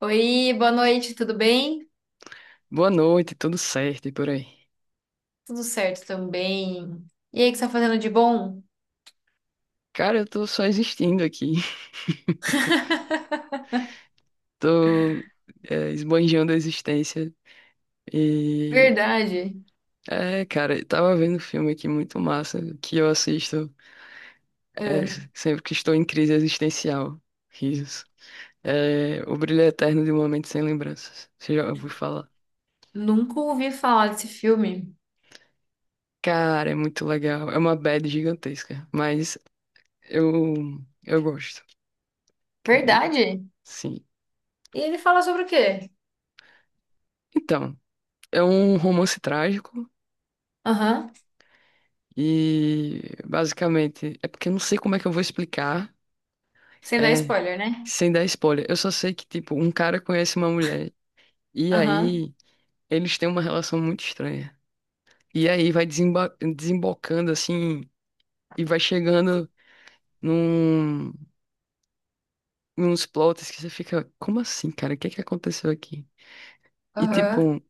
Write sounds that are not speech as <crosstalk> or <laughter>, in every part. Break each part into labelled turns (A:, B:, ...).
A: Oi, boa noite, tudo bem?
B: Boa noite, tudo certo e por aí?
A: Tudo certo também. E aí, o que você tá fazendo de bom?
B: Cara, eu tô só existindo aqui. <laughs>
A: <laughs>
B: Tô esbanjando a existência. E.
A: Verdade.
B: É, cara, eu tava vendo um filme aqui muito massa que eu assisto é,
A: É,
B: sempre que estou em crise existencial. Risos. É, O Brilho Eterno de um Momento Sem Lembranças. Você já ouviu falar?
A: Nunca ouvi falar desse filme.
B: Cara, é muito legal. É uma bad gigantesca, mas eu, eu gosto. Cara,
A: Verdade?
B: sim.
A: E ele fala sobre o quê?
B: Então, é um romance trágico.
A: Aham.
B: E basicamente, é porque eu não sei como é que eu vou explicar,
A: Sem dar
B: é,
A: spoiler, né?
B: sem dar spoiler. Eu só sei que, tipo, um cara conhece uma mulher. E
A: Aham.
B: aí, eles têm uma relação muito estranha. E aí vai desembocando assim, e vai chegando num, uns plots que você fica, como assim, cara? O que que aconteceu aqui? E
A: Aham.
B: tipo,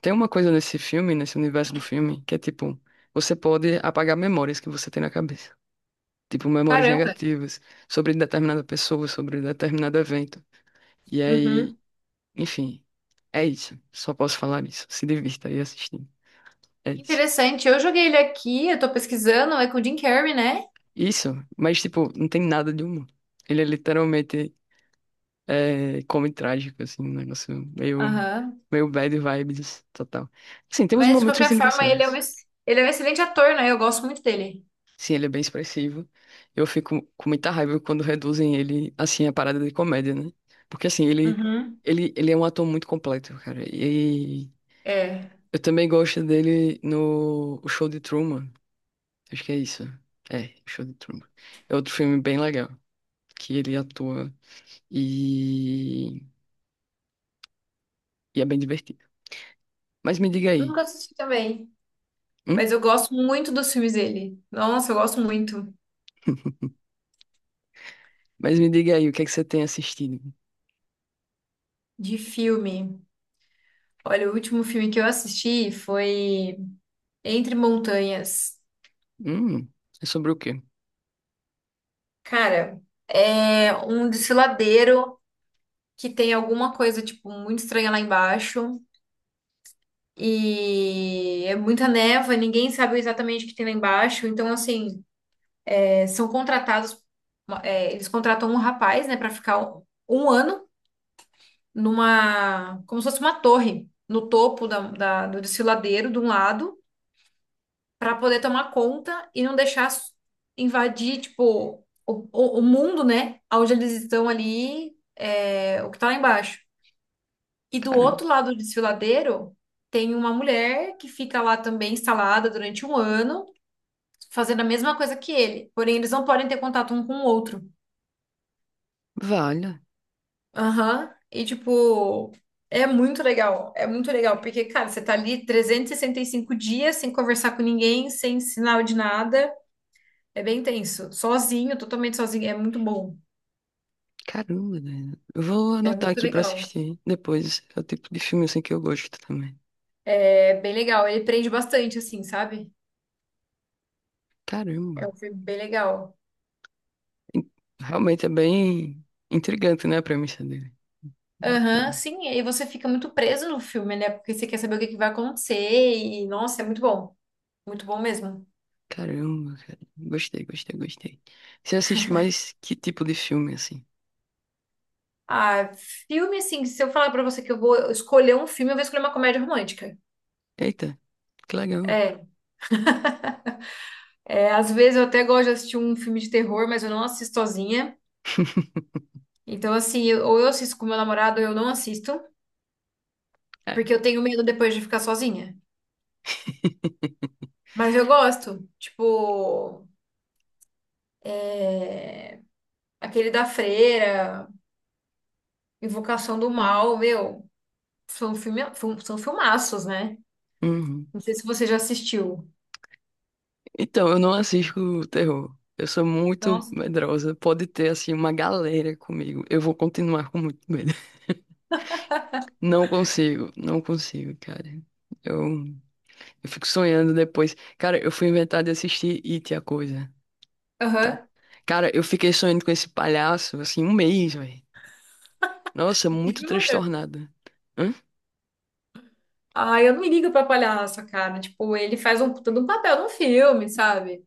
B: tem uma coisa nesse filme, nesse universo do filme, que é tipo, você pode apagar memórias que você tem na cabeça. Tipo memórias
A: Caramba.
B: negativas sobre determinada pessoa, sobre determinado evento. E aí,
A: Uhum.
B: enfim, é isso. Só posso falar isso. Se divirta aí assistindo. É isso.
A: Interessante. Eu joguei ele aqui, eu tô pesquisando, é com o Jim Carrey, né?
B: Isso, mas tipo, não tem nada de humor. Ele é literalmente come trágico, assim, um negócio meio,
A: Aham.
B: meio bad vibes total. Assim, tem uns
A: Mas de
B: momentos
A: qualquer forma, ele é um,
B: engraçados.
A: ele é um excelente ator, né? Eu gosto muito dele.
B: Sim, ele é bem expressivo. Eu fico com muita raiva quando reduzem ele, assim, a parada de comédia, né? Porque, assim, ele,
A: Uhum.
B: ele, ele é um ator muito completo, cara. E
A: É.
B: eu também gosto dele no O Show de Truman. Acho que é isso. É, O Show de Truman. É outro filme bem legal, que ele atua e, e é bem divertido. Mas me diga aí.
A: Nunca assisti também.
B: Hum?
A: Mas eu gosto muito dos filmes dele. Nossa, eu gosto muito
B: <laughs> Mas me diga aí, o que é que você tem assistido?
A: de filme. Olha, o último filme que eu assisti foi Entre Montanhas.
B: Hum, é sobre o quê?
A: Cara, é um desfiladeiro que tem alguma coisa, tipo, muito estranha lá embaixo. E é muita neva, ninguém sabe exatamente o que tem lá embaixo. Então, assim, são contratados, eles contratam um rapaz, né, pra ficar um ano numa, como se fosse uma torre, no topo da, do desfiladeiro, de um lado. Para poder tomar conta e não deixar invadir, tipo, o mundo, né? Onde eles estão ali, é, o que tá lá embaixo. E do
B: Caramba.
A: outro lado do desfiladeiro, tem uma mulher que fica lá também instalada durante um ano, fazendo a mesma coisa que ele. Porém, eles não podem ter contato um com o outro.
B: Vale.
A: Aham. E, tipo, é muito legal. É muito legal, porque, cara, você tá ali trezentos e sessenta e cinco dias sem conversar com ninguém, sem sinal de nada. É bem tenso. Sozinho, totalmente sozinho. É muito bom.
B: Caramba, né? Eu vou
A: É
B: anotar
A: muito
B: aqui pra
A: legal.
B: assistir depois. É o tipo de filme assim que eu gosto também.
A: É bem legal. Ele prende bastante, assim, sabe? É
B: Caramba.
A: um filme bem legal.
B: In- Realmente é bem intrigante, né, a premissa dele.
A: Aham,
B: Bacana.
A: sim. E aí você fica muito preso no filme, né? Porque você quer saber o que que vai acontecer. E, nossa, é muito bom. Muito bom mesmo.
B: Caramba, cara. Gostei, gostei, gostei. Você assiste mais que tipo de filme, assim?
A: Ah, filme, assim, se eu falar pra você que eu vou escolher um filme, eu vou escolher uma comédia romântica.
B: Eita, que legal.
A: É. É, às vezes eu até gosto de assistir um filme de terror, mas eu não assisto sozinha.
B: <laughs>
A: Então, assim, ou eu assisto com meu namorado ou eu não assisto,
B: É.
A: porque eu tenho medo depois de ficar sozinha. Mas eu gosto. Tipo, aquele da Freira, Invocação do Mal, meu, são filme, são filmaços, né?
B: Uhum.
A: Não sei se você já assistiu.
B: Então, eu não assisto terror. Eu sou muito
A: Nossa.
B: medrosa. Pode ter, assim, uma galera comigo. Eu vou continuar com muito medo. Não consigo, não consigo, cara. Eu, eu fico sonhando depois. Cara, eu fui inventar de assistir It, a coisa, tá?
A: Aham.
B: Cara, eu fiquei sonhando com esse palhaço, assim, um mês, velho. Nossa, muito
A: Jura?
B: transtornada. Hã?
A: Ah, eu não me ligo pra palhaço, cara. Tipo, ele faz um todo um papel no filme, sabe?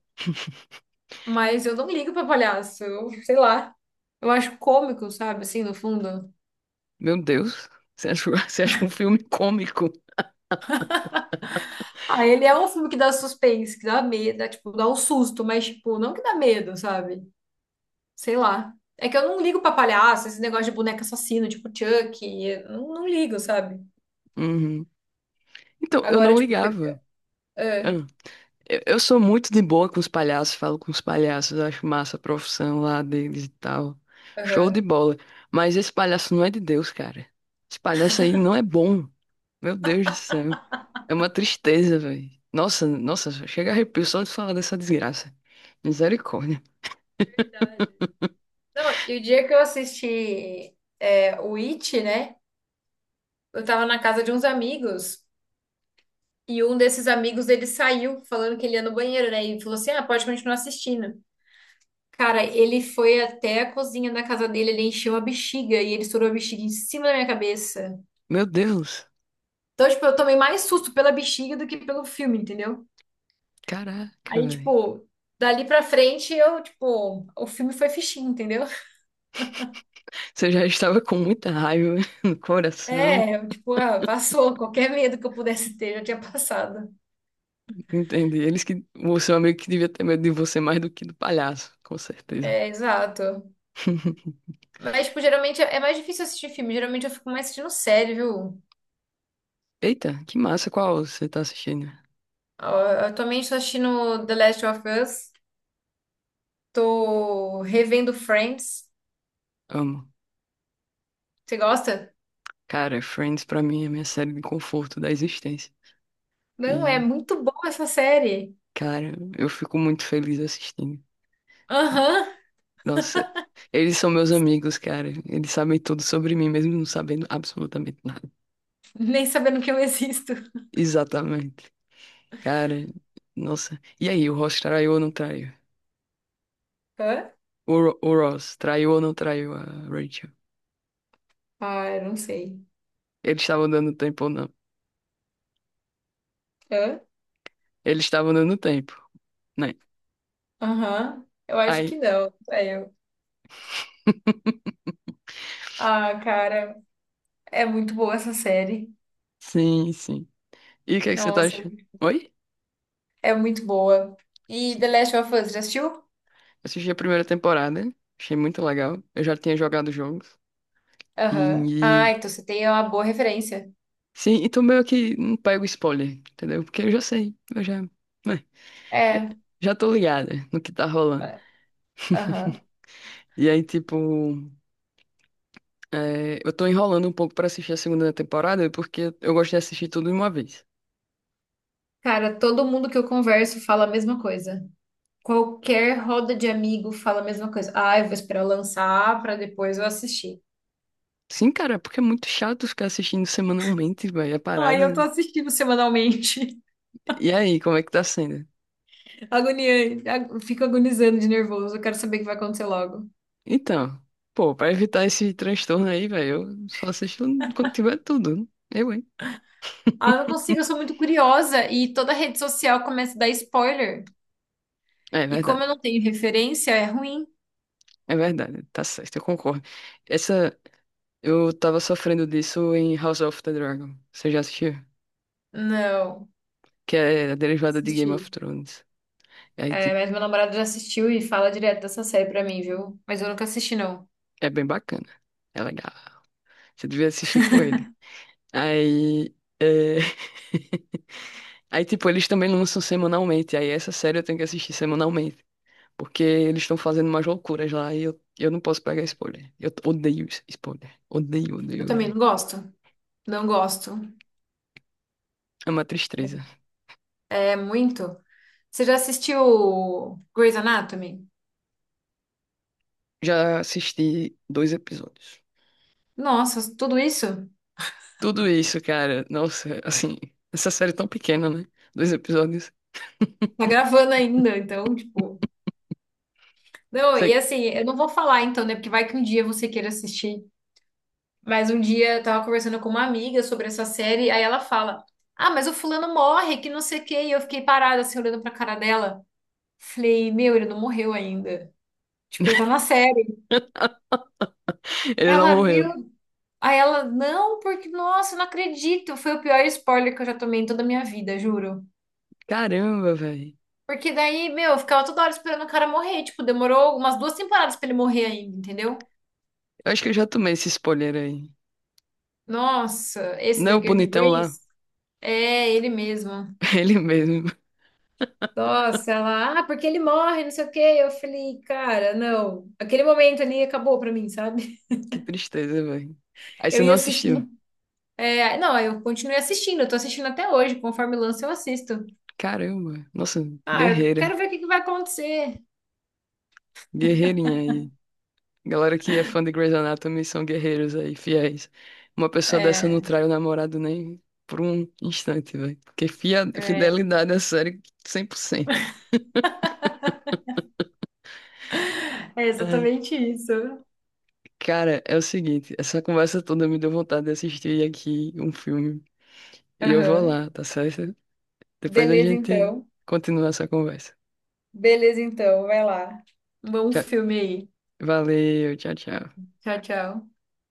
A: Mas eu não me ligo pra palhaço. Eu, sei lá. Eu acho cômico, sabe? Assim, no fundo.
B: Meu Deus, você acha, <laughs> você acha um filme cômico?
A: Ah, ele é um filme que dá suspense, que dá medo, dá, tipo, dá um susto, mas, tipo, não que dá medo, sabe? Sei lá. É que eu não ligo pra palhaço, esse negócio de boneca assassino, tipo Chuck, eu não ligo, sabe?
B: Uhum. Então, eu
A: Agora,
B: não
A: tipo.
B: ligava.
A: Ah,
B: Hã? Eu sou muito de boa com os palhaços, falo com os palhaços, acho massa a profissão lá deles e tal. Show de
A: aham.
B: bola. Mas esse palhaço não é de Deus, cara. Esse palhaço aí não é bom. Meu Deus do céu. É uma tristeza, velho. Nossa, nossa, chega arrepio só de falar dessa desgraça. Misericórdia.
A: Verdade. Não, e o dia que eu assisti é, o It, né? Eu tava na casa de uns amigos e um desses amigos ele saiu falando que ele ia no banheiro, né? E falou assim: ah, pode continuar assistindo. Cara, ele foi até a cozinha da casa dele, ele encheu a bexiga e ele estourou a bexiga em cima da minha cabeça.
B: Meu Deus.
A: Então, tipo, eu tomei mais susto pela bexiga do que pelo filme, entendeu?
B: Caraca,
A: Aí,
B: velho.
A: tipo, dali pra frente eu, tipo, o filme foi fichinho, entendeu?
B: Você já estava com muita raiva <laughs> no coração.
A: É, eu, tipo, ah, passou. Qualquer medo que eu pudesse ter já tinha passado.
B: Entendi. Eles que. O seu amigo que devia ter medo de você mais do que do palhaço, com certeza.
A: É, exato.
B: <laughs>
A: Mas, tipo, geralmente é mais difícil assistir filme. Geralmente eu fico mais assistindo série, viu?
B: Eita, que massa. Qual você tá assistindo?
A: Ah, atualmente tô assistindo The Last of Us. Tô revendo Friends.
B: Amo.
A: Você gosta?
B: Cara, Friends pra mim é a minha série de conforto da existência.
A: Não, é
B: E,
A: muito boa essa série.
B: cara, eu fico muito feliz assistindo.
A: Aham.
B: Nossa, eles são meus amigos, cara. Eles sabem tudo sobre mim, mesmo não sabendo absolutamente nada.
A: <laughs> Nem sabendo que eu existo.
B: Exatamente. Cara, nossa. E aí, o Ross traiu ou não traiu?
A: Hã?
B: O Ross traiu ou não traiu a Rachel?
A: Ah, eu não sei.
B: Eles estavam dando tempo ou não?
A: Hã?
B: Eles estavam dando tempo, né?
A: Aham. Eu acho
B: Aí,
A: que não. É, eu.
B: <laughs>
A: Ah, cara, é muito boa essa série.
B: sim, sim. E o que é que você tá
A: Nossa,
B: achando? Oi?
A: é muito boa. E The Last of Us, já assistiu?
B: Assisti a primeira temporada, achei muito legal. Eu já tinha jogado jogos.
A: Aham. Ah,
B: E,
A: então você tem uma boa referência.
B: sim, então meio que não pego spoiler, entendeu? Porque eu já sei, eu já, né, já
A: É.
B: já tô ligada no que tá rolando.
A: Aham.
B: <laughs> E aí, tipo, é, eu tô enrolando um pouco pra assistir a segunda temporada porque eu gosto de assistir tudo de uma vez.
A: Cara, todo mundo que eu converso fala a mesma coisa. Qualquer roda de amigo fala a mesma coisa. Ah, eu vou esperar lançar pra depois eu assistir.
B: Sim, cara, porque é muito chato ficar assistindo semanalmente, velho, a
A: Ai, eu
B: parada.
A: tô assistindo semanalmente.
B: E aí, como é que tá sendo?
A: <laughs> Agoniante. Fico agonizando de nervoso. Eu quero saber o que vai acontecer logo.
B: Então, pô, pra evitar esse transtorno aí, velho, eu só assisto quando tiver tudo. Né? Eu, hein?
A: Ah, eu não consigo, eu sou muito curiosa e toda rede social começa a dar spoiler.
B: É
A: E como
B: verdade,
A: eu não tenho referência, é ruim.
B: é verdade, tá certo, eu concordo. Essa Eu tava sofrendo disso em House of the Dragon. Você já assistiu?
A: Não,
B: Que é a derivada de Game of
A: assisti.
B: Thrones. E aí,
A: É,
B: tipo,
A: mas meu namorado já assistiu e fala direto dessa série pra mim, viu? Mas eu nunca assisti, não.
B: é bem bacana. É legal. Você devia assistir com ele. Aí. É. <laughs> Aí, tipo, eles também lançam semanalmente. Aí, essa série eu tenho que assistir semanalmente. Porque eles estão fazendo umas loucuras lá e eu não posso pegar spoiler. Eu odeio spoiler. Odeio,
A: Eu
B: odeio,
A: também
B: odeio.
A: não gosto. Não gosto.
B: É uma tristeza.
A: É muito. Você já assistiu Grey's Anatomy?
B: Já assisti dois episódios.
A: Nossa, tudo isso?
B: Tudo isso, cara. Nossa, assim, essa série tão pequena, né? Dois episódios.
A: Tá gravando ainda, então, tipo. Não, e
B: Você-
A: assim, eu não vou falar então, né? Porque vai que um dia você queira assistir. Mas um dia eu tava conversando com uma amiga sobre essa série, aí ela fala: ah, mas o fulano morre, que não sei o quê. E eu fiquei parada assim, olhando pra cara dela. Falei, meu, ele não morreu ainda. Tipo, ele tá na série.
B: Ele não
A: Ela,
B: morreu.
A: meu. Aí ela, não, porque, nossa, eu não acredito. Foi o pior spoiler que eu já tomei em toda a minha vida, juro.
B: Caramba, velho.
A: Porque daí, meu, eu ficava toda hora esperando o cara morrer. Tipo, demorou umas duas temporadas pra ele morrer ainda, entendeu?
B: Eu acho que eu já tomei esse spoiler aí.
A: Nossa, esse
B: Não é
A: da
B: o
A: De
B: bonitão lá?
A: Grace? É, ele mesmo.
B: <laughs> Ele mesmo.
A: Nossa, ela, ah, porque ele morre, não sei o quê. Eu falei, cara, não. Aquele momento ali acabou pra mim, sabe?
B: Que tristeza, velho. Aí
A: <laughs>
B: você
A: Eu
B: não
A: ia
B: assistiu.
A: assistindo. É, não, eu continuei assistindo, eu tô assistindo até hoje, conforme lança eu assisto.
B: Caramba. Nossa,
A: Ah, eu quero
B: guerreira.
A: ver o que que vai acontecer.
B: Guerreirinha aí. Galera que é fã de Grey's Anatomy são guerreiros aí, fiéis. Uma pessoa dessa não
A: É,
B: trai o namorado nem por um instante, velho. Porque
A: é,
B: fidelidade à série 100%.
A: é exatamente isso.
B: Cara, é o seguinte, essa conversa toda me deu vontade de assistir aqui um filme. E eu vou
A: Aham.
B: lá, tá certo? Depois a
A: Beleza,
B: gente
A: então.
B: continua essa conversa.
A: Beleza, então. Vai lá. Um bom
B: Tchau.
A: filme aí.
B: Valeu, tchau, tchau.
A: Tchau, tchau.